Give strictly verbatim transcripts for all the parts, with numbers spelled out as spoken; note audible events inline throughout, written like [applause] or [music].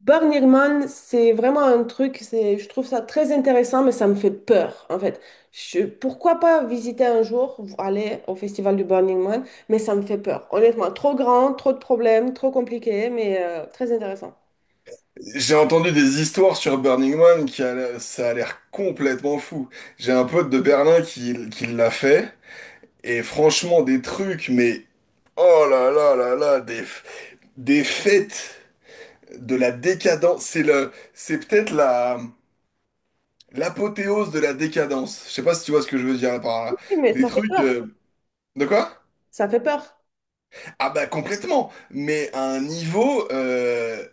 Burning c'est vraiment un truc, c'est, je trouve ça très intéressant, mais ça me fait peur, en fait. Je, pourquoi pas visiter un jour, aller au festival du Burning Man, mais ça me fait peur. Honnêtement, trop grand, trop de problèmes, trop compliqué, mais euh, très intéressant. J'ai entendu des histoires sur Burning Man qui a, l'air- ça a l'air complètement fou. J'ai un pote de Berlin qui, qui l'a fait et franchement des trucs mais oh là là là là des f- des fêtes de la décadence. C'est le c'est peut-être la l'apothéose de la décadence. Je sais pas si tu vois ce que je veux dire par Oui, là. mais Des ça fait trucs peur, euh, de quoi? ça fait peur. Ah bah complètement. Mais à un niveau euh,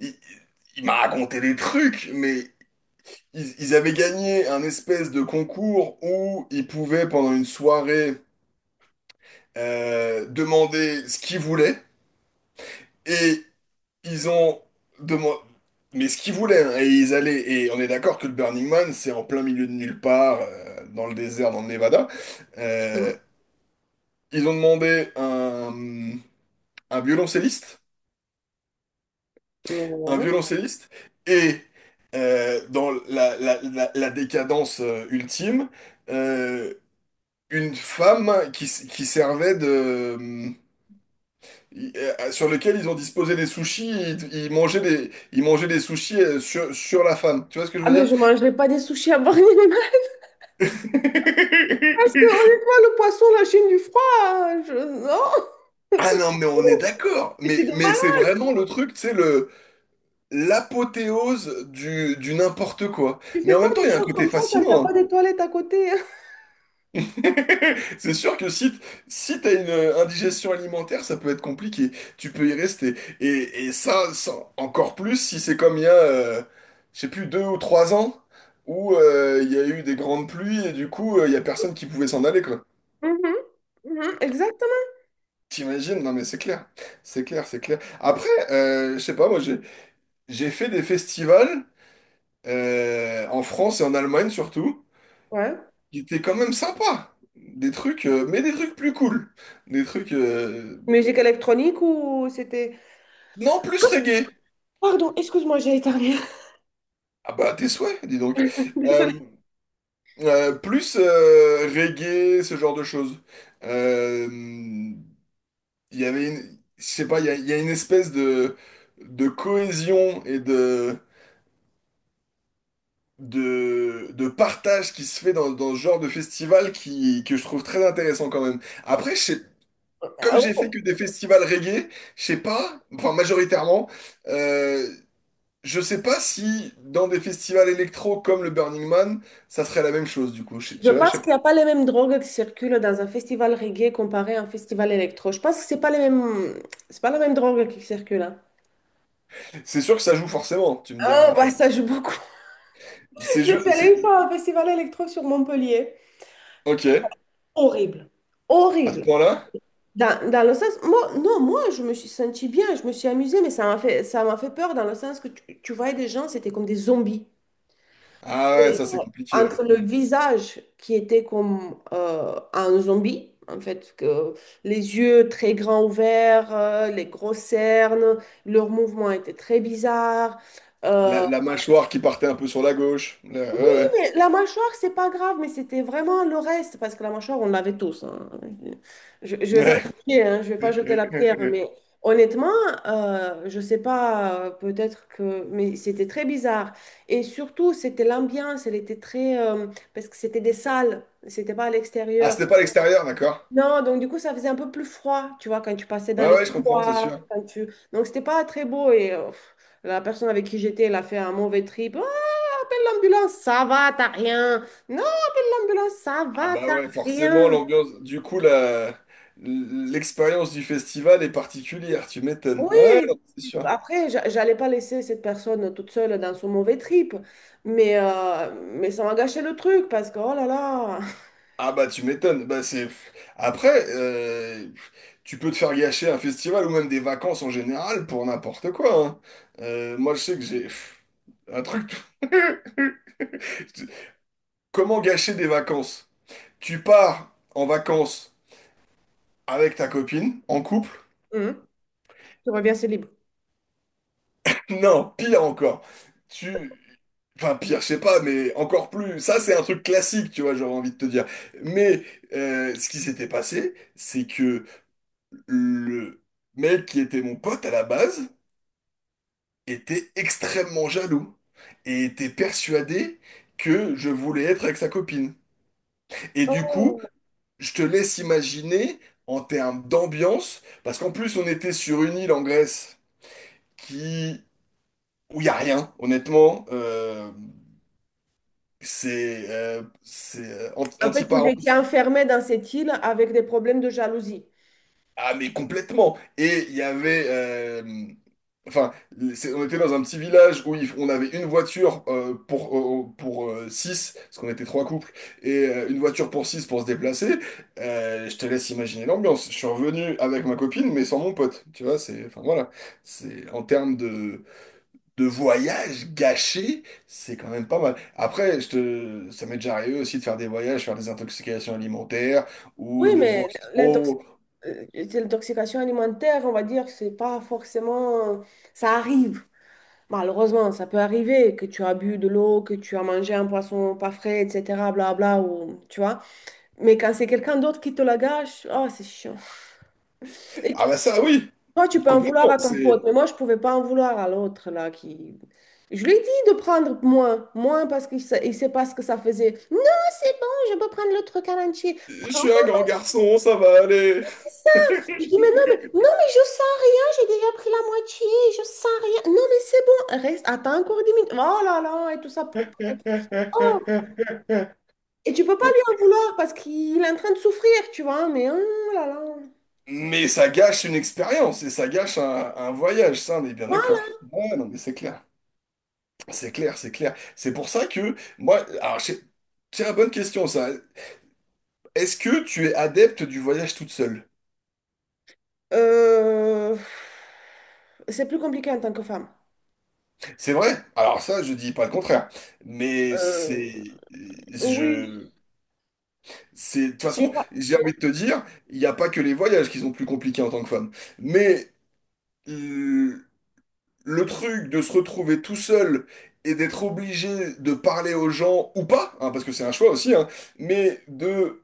il, il m'a raconté des trucs mais Ils, ils avaient gagné un espèce de concours où ils pouvaient, pendant une soirée, euh, demander ce qu'ils voulaient. Et ils ont demandé… Mais ce qu'ils voulaient, hein, et ils allaient… Et on est d'accord que le Burning Man, c'est en plein milieu de nulle part, euh, dans le désert, dans le Nevada. Euh, Mmh. ils ont demandé un, un violoncelliste, un Ouais. violoncelliste, et euh, dans la, la- la- la décadence euh, ultime, euh, une femme qui, s- qui servait de… euh, Sur lequel ils ont disposé des sushis, ils, ils mangeaient des, ils mangeaient des sushis euh, sur, sur la femme. Tu vois ce que je Ah, veux mais dire? je mangerai pas des sushis à Burning Man, [laughs] parce que [laughs] honnêtement, le poisson, la Chine du froid, je- non, [laughs] Ah c'est non, mais on est oh. d'accord. Et Mais, c'est des mais malades. c'est vraiment le truc, tu sais, le, l'apothéose du, du n'importe quoi. Tu Mais fais en pas même temps, des il y a un choses côté comme ça quand t'as fascinant, pas hein. des toilettes à côté. [laughs] C'est sûr que si, t- si t'as une euh, indigestion alimentaire, ça peut être compliqué. Tu peux y rester. Et, et ça, ça- encore plus si c'est comme il y a, euh, je sais plus, deux ou trois ans, où euh, il y a eu des grandes pluies et du coup, euh, il y a personne qui pouvait s'en aller, quoi. Mhm, mhm, exactement. T'imagines? Non, mais c'est clair. C'est clair, c'est clair. Après, euh, je sais pas, moi, j'ai, j'ai fait des festivals euh, en France et en Allemagne surtout, Ouais. qui étaient quand même sympas. Des trucs, euh, mais des trucs plus cool. Des trucs, euh, Musique électronique ou c'était... non, plus reggae. Pardon, excuse-moi, j'ai éternué. Ah bah, tes souhaits, dis donc. [laughs] Euh, Désolée. euh, plus euh, reggae, ce genre de choses. Euh, Il y avait une… Je sais pas, il y a, il y a une espèce de, de cohésion et de, de, de partage qui se fait dans, dans ce genre de festival qui, que je trouve très intéressant quand même. Après, je sais- Ah comme j'ai fait ouais. que des festivals reggae, je sais pas, enfin majoritairement, euh, je sais pas si dans des festivals électro comme le Burning Man, ça serait la même chose du coup. Je- Je tu vois, je pense sais pas. qu'il n'y a pas les mêmes drogues qui circulent dans un festival reggae comparé à un festival électro. Je pense que c'est pas les mêmes... c'est pas la même drogue qui circule, hein. C'est sûr que ça joue forcément, tu me diras. Ah, Enfin, bah ça joue beaucoup. c'est [laughs] Je suis je, c'est… allée une fois à un festival électro sur Montpellier. Ok, Horrible. à ce Horrible. point-là? Dans, dans le sens, moi, non, moi, je me suis sentie bien, je me suis amusée, mais ça m'a fait, ça m'a fait peur dans le sens que tu, tu voyais des gens, c'était comme des zombies. Ah ouais, Et, ça euh, c'est compliqué, ouais. entre le Mm. visage qui était comme euh, un zombie, en fait, que les yeux très grands ouverts, euh, les grosses cernes, leurs mouvements étaient très bizarres. La, Euh, la mâchoire qui partait un peu sur la gauche. Là, oui, ouais, mais la mâchoire, c'est pas grave, mais c'était vraiment le reste, parce que la mâchoire, on l'avait tous, hein. Je, je vais pas ouais. jeter, hein, je vais pas jeter Ouais. la [laughs] pierre, mais honnêtement, euh, je sais pas, euh, peut-être que, mais c'était très bizarre. Et surtout, c'était l'ambiance, elle était très, euh, parce que c'était des salles, c'était pas à Ah, l'extérieur. c'était pas l'extérieur, d'accord? Non, donc du coup, ça faisait un peu plus froid, tu vois, quand tu passais dans Ah les ouais, je comprends, c'est couloirs, sûr. quand tu, donc c'était pas très beau et. euh, pff, La personne avec qui j'étais, elle a fait un mauvais trip. Oh, l'ambulance, ça va, t'as rien. Non, l'ambulance, ça Ah va, bah t'as ouais, forcément, rien. l'ambiance. Du coup, la… l'expérience du festival est particulière, tu m'étonnes. Ouais, non, Oui, c'est sûr. après, j'a- j'allais pas laisser cette personne toute seule dans son mauvais trip, mais, euh, mais ça m'a gâché le truc parce que, oh là là, [laughs] Ah bah tu m'étonnes. Bah c'est… Après, euh, tu peux te faire gâcher un festival ou même des vacances en général pour n'importe quoi, hein. Euh, moi je sais que j'ai un truc. [laughs] Comment gâcher des vacances? Tu pars en vacances avec ta copine, en couple. Hum, tu reviens, c'est libre. [laughs] Non, pire encore. Tu… Enfin, pire, je sais pas, mais encore plus. Ça, c'est un truc classique, tu vois, j'aurais envie de te dire. Mais euh, ce qui s'était passé, c'est que le mec qui était mon pote à la base était extrêmement jaloux et était persuadé que je voulais être avec sa copine. Et du coup, Oh. je te laisse imaginer en termes d'ambiance, parce qu'en plus on était sur une île en Grèce qui où il y a rien, honnêtement. euh, C'est euh, c'est euh, anti- En fait, vous anti-Paros. étiez enfermé dans cette île avec des problèmes de jalousie. Ah mais complètement. Et il y avait euh, enfin, c'est- on était dans un petit village où il- on avait une voiture euh, pour, euh, pour euh, six, parce qu'on était trois couples, et euh, une voiture pour six pour se déplacer. Euh, je te laisse imaginer l'ambiance. Je suis revenu avec ma copine, mais sans mon pote. Tu vois, c'est, enfin voilà, c'est en termes de, de voyage gâché, c'est quand même pas mal. Après, je te, ça m'est déjà arrivé aussi de faire des voyages, faire des intoxications alimentaires ou Oui, de boire mais l'intox- trop. euh, l'intoxication alimentaire, on va dire que c'est pas forcément... Ça arrive. Malheureusement, ça peut arriver que tu as bu de l'eau, que tu as mangé un poisson pas frais, et cetera. Blabla, ou, tu vois. Mais quand c'est quelqu'un d'autre qui te la gâche, oh, c'est chiant. [laughs] Et Ah tu- bah ça, oui, toi, tu peux en vouloir complètement. à ton pote, C'est, mais moi, je pouvais pas en vouloir à l'autre, là, qui... Je lui ai dit de prendre moins, moins parce qu'il sait, il sait pas ce que ça faisait. Non, c'est bon, je peux prendre le truc à l'entier. je Prends suis pas un grand garçon, ça va aller. ça. Je dis, mais non, mais, non, mais je sens rien, j'ai déjà pris la moitié, je sens rien. Non, mais c'est bon, reste, attends encore dix minutes. Oh là là, et tout ça. Oh. Et tu peux pas lui en vouloir parce qu'il est en train de souffrir, tu vois. Mais oh là là. Mais ça gâche une expérience et ça gâche un, un voyage, ça on est bien d'accord. Voilà. Ouais, non mais c'est clair, c'est clair, c'est clair. C'est pour ça que moi, alors j'ai une bonne question ça. Est-ce que tu es adepte du voyage toute seule? Euh, c'est plus compliqué en tant que femme. C'est vrai? Alors ça, je dis pas le contraire. Mais Euh, c'est, oui. je, c'est, de toute J'ai façon, pas. j'ai envie de te dire, il n'y a pas que les voyages qui sont plus compliqués en tant que femme. Mais euh, le truc de se retrouver tout seul et d'être obligé de parler aux gens ou pas, hein, parce que c'est un choix aussi, hein, mais de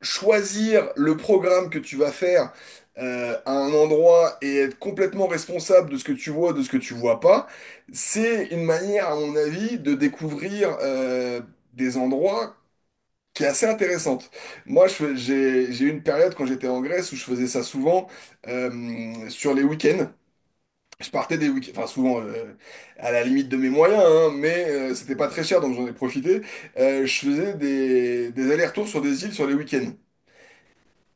choisir le programme que tu vas faire euh, à un endroit et être complètement responsable de ce que tu vois, de ce que tu vois pas, c'est une manière, à mon avis, de découvrir euh, des endroits qui est assez intéressante. Moi, je fais- j'ai j'ai eu une période quand j'étais en Grèce où je faisais ça souvent euh, sur les week-ends. Je partais des week-ends, enfin souvent euh, à la limite de mes moyens, hein, mais euh, c'était pas très cher, donc j'en ai profité. Euh, je faisais des, des allers-retours sur des îles sur les week-ends.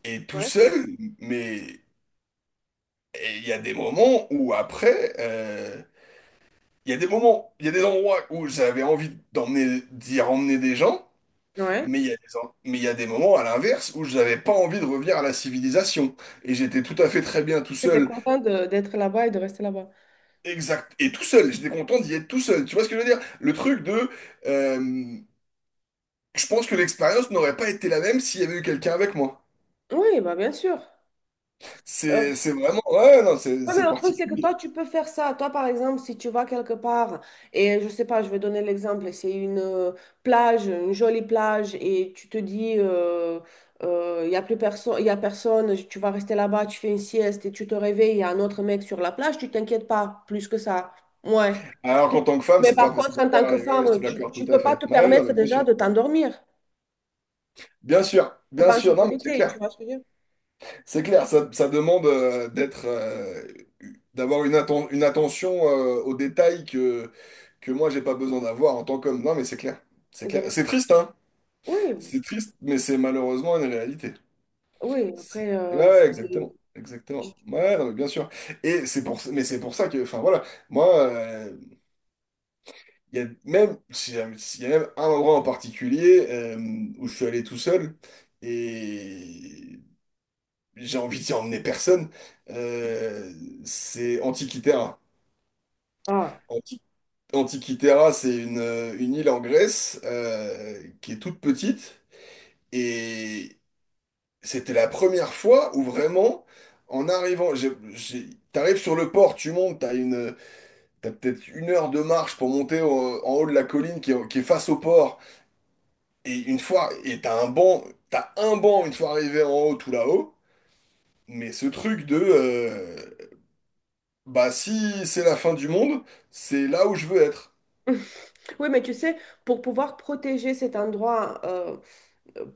Et tout Ouais. seul, mais et il y a des moments où après, euh, il y a des moments, il y a des endroits où j'avais envie d'emmener, d'y emmener des gens, Ouais. mais il y a des, en- mais il y a des moments à l'inverse où j'avais pas envie de revenir à la civilisation. Et j'étais tout à fait très bien tout T'étais seul. content de- d'être là-bas et de rester là-bas. Exact. Et tout seul, j'étais content d'y être tout seul. Tu vois ce que je veux dire? Le truc de… euh, je pense que l'expérience n'aurait pas été la même s'il y avait eu quelqu'un avec moi. Oui, bah bien sûr. Euh, C'est c'est vraiment… Ouais, ouais, non, c'est Oui, mais c'est le truc, c'est que toi, particulier. tu peux faire ça. Toi, par exemple, si tu vas quelque part, et je sais pas, je vais donner l'exemple, c'est une euh, plage, une jolie plage, et tu te dis, euh, euh, il y a plus personne, il y a personne, tu vas rester là-bas, tu fais une sieste, et tu te réveilles, il y a un autre mec sur la plage, tu t'inquiètes pas plus que ça. Ouais. Alors qu'en tant que femme, Mais c'est par pas, c'est contre, pas en tant que pareil. Ouais, je te femme, tu, l'accorde tu tout à peux pas fait. te Ouais, non, mais permettre bien déjà sûr. de t'endormir. Bien sûr, T'es bien pas en sûr. Non, mais c'est sécurité, tu clair. vois ce que je veux dire? C'est clair, ça, ça demande euh, d'être… euh, d'avoir une, atten- une attention euh, aux détails que, que moi, j'ai pas besoin d'avoir en tant qu'homme. Non, mais c'est clair. C'est clair. Donc, C'est triste, hein? oui, C'est triste, mais c'est malheureusement une réalité. oui, C'est- après, Ouais, euh, ouais, c'est... exactement. Exactement. Ouais, non, mais bien sûr. Et c'est pour, mais c'est pour ça que, enfin voilà, moi, euh, il y a même, s'il y a s'il y a même un endroit en particulier euh, où je suis allé tout seul et j'ai envie d'y emmener personne, euh, c'est Antikythera. ah. Anti- Antikythera, c'est une, une île en Grèce euh, qui est toute petite. Et c'était la première fois où vraiment, en arrivant, j'ai- j'ai- t'arrives sur le port, tu montes, t'as une, t'as peut-être une heure de marche pour monter au- en haut de la colline qui est, qui est face au port. Et une fois, et t'as un banc, t'as un banc une fois arrivé en haut, tout là-haut. Mais ce truc de, euh, bah si c'est la fin du monde, c'est là où je veux être. [laughs] Oui, mais tu sais, pour pouvoir protéger cet endroit, euh,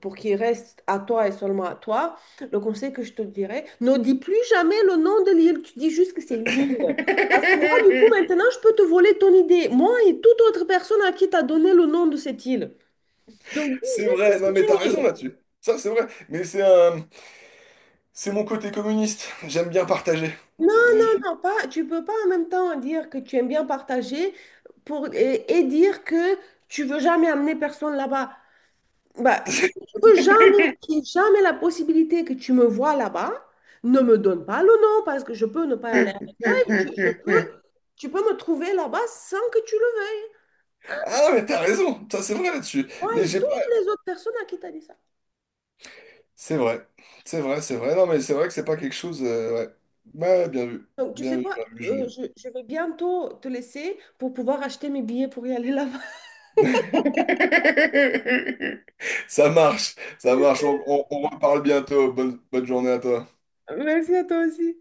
pour qu'il reste à toi et seulement à toi, le conseil que je te dirais, ne dis plus jamais le nom de l'île, tu dis juste que c'est une île. Parce que moi, du coup, [laughs] maintenant, je peux te voler ton idée, moi et toute autre personne à qui tu as donné le nom de cette île. Donc, dis C'est juste que vrai, non c'est mais une t'as raison île. là-dessus. Ça c'est vrai, mais c'est un, c'est mon côté communiste. J'aime bien partager. Non, non, non, [laughs] pas, tu peux pas en même temps dire que tu aimes bien partager pour, et, et dire que tu veux jamais amener personne là-bas. Bah, si tu veux jamais, qu'il y ait jamais la possibilité que tu me vois là-bas, ne me donne pas le nom parce que je peux ne pas [laughs] aller Hum, avec hum, toi et tu, hum, je hum, peux, hum. tu peux me trouver là-bas sans que tu le veuilles. Ah, mais t'as raison, ça c'est vrai là-dessus. Moi Mais et j'ai pas… toutes les autres personnes à qui t'as dit ça. C'est vrai, c'est vrai, c'est vrai. Non, mais c'est vrai que c'est pas quelque chose, euh, ouais. Ouais, bien vu, Donc, tu sais bien vu, quoi, bien vu. euh, je- je, je vais bientôt te laisser pour pouvoir acheter mes billets pour y aller là-bas. [laughs] Ça marche, ça marche. On, on- on reparle bientôt. Bonne, bonne journée à toi. [laughs] Merci à toi aussi.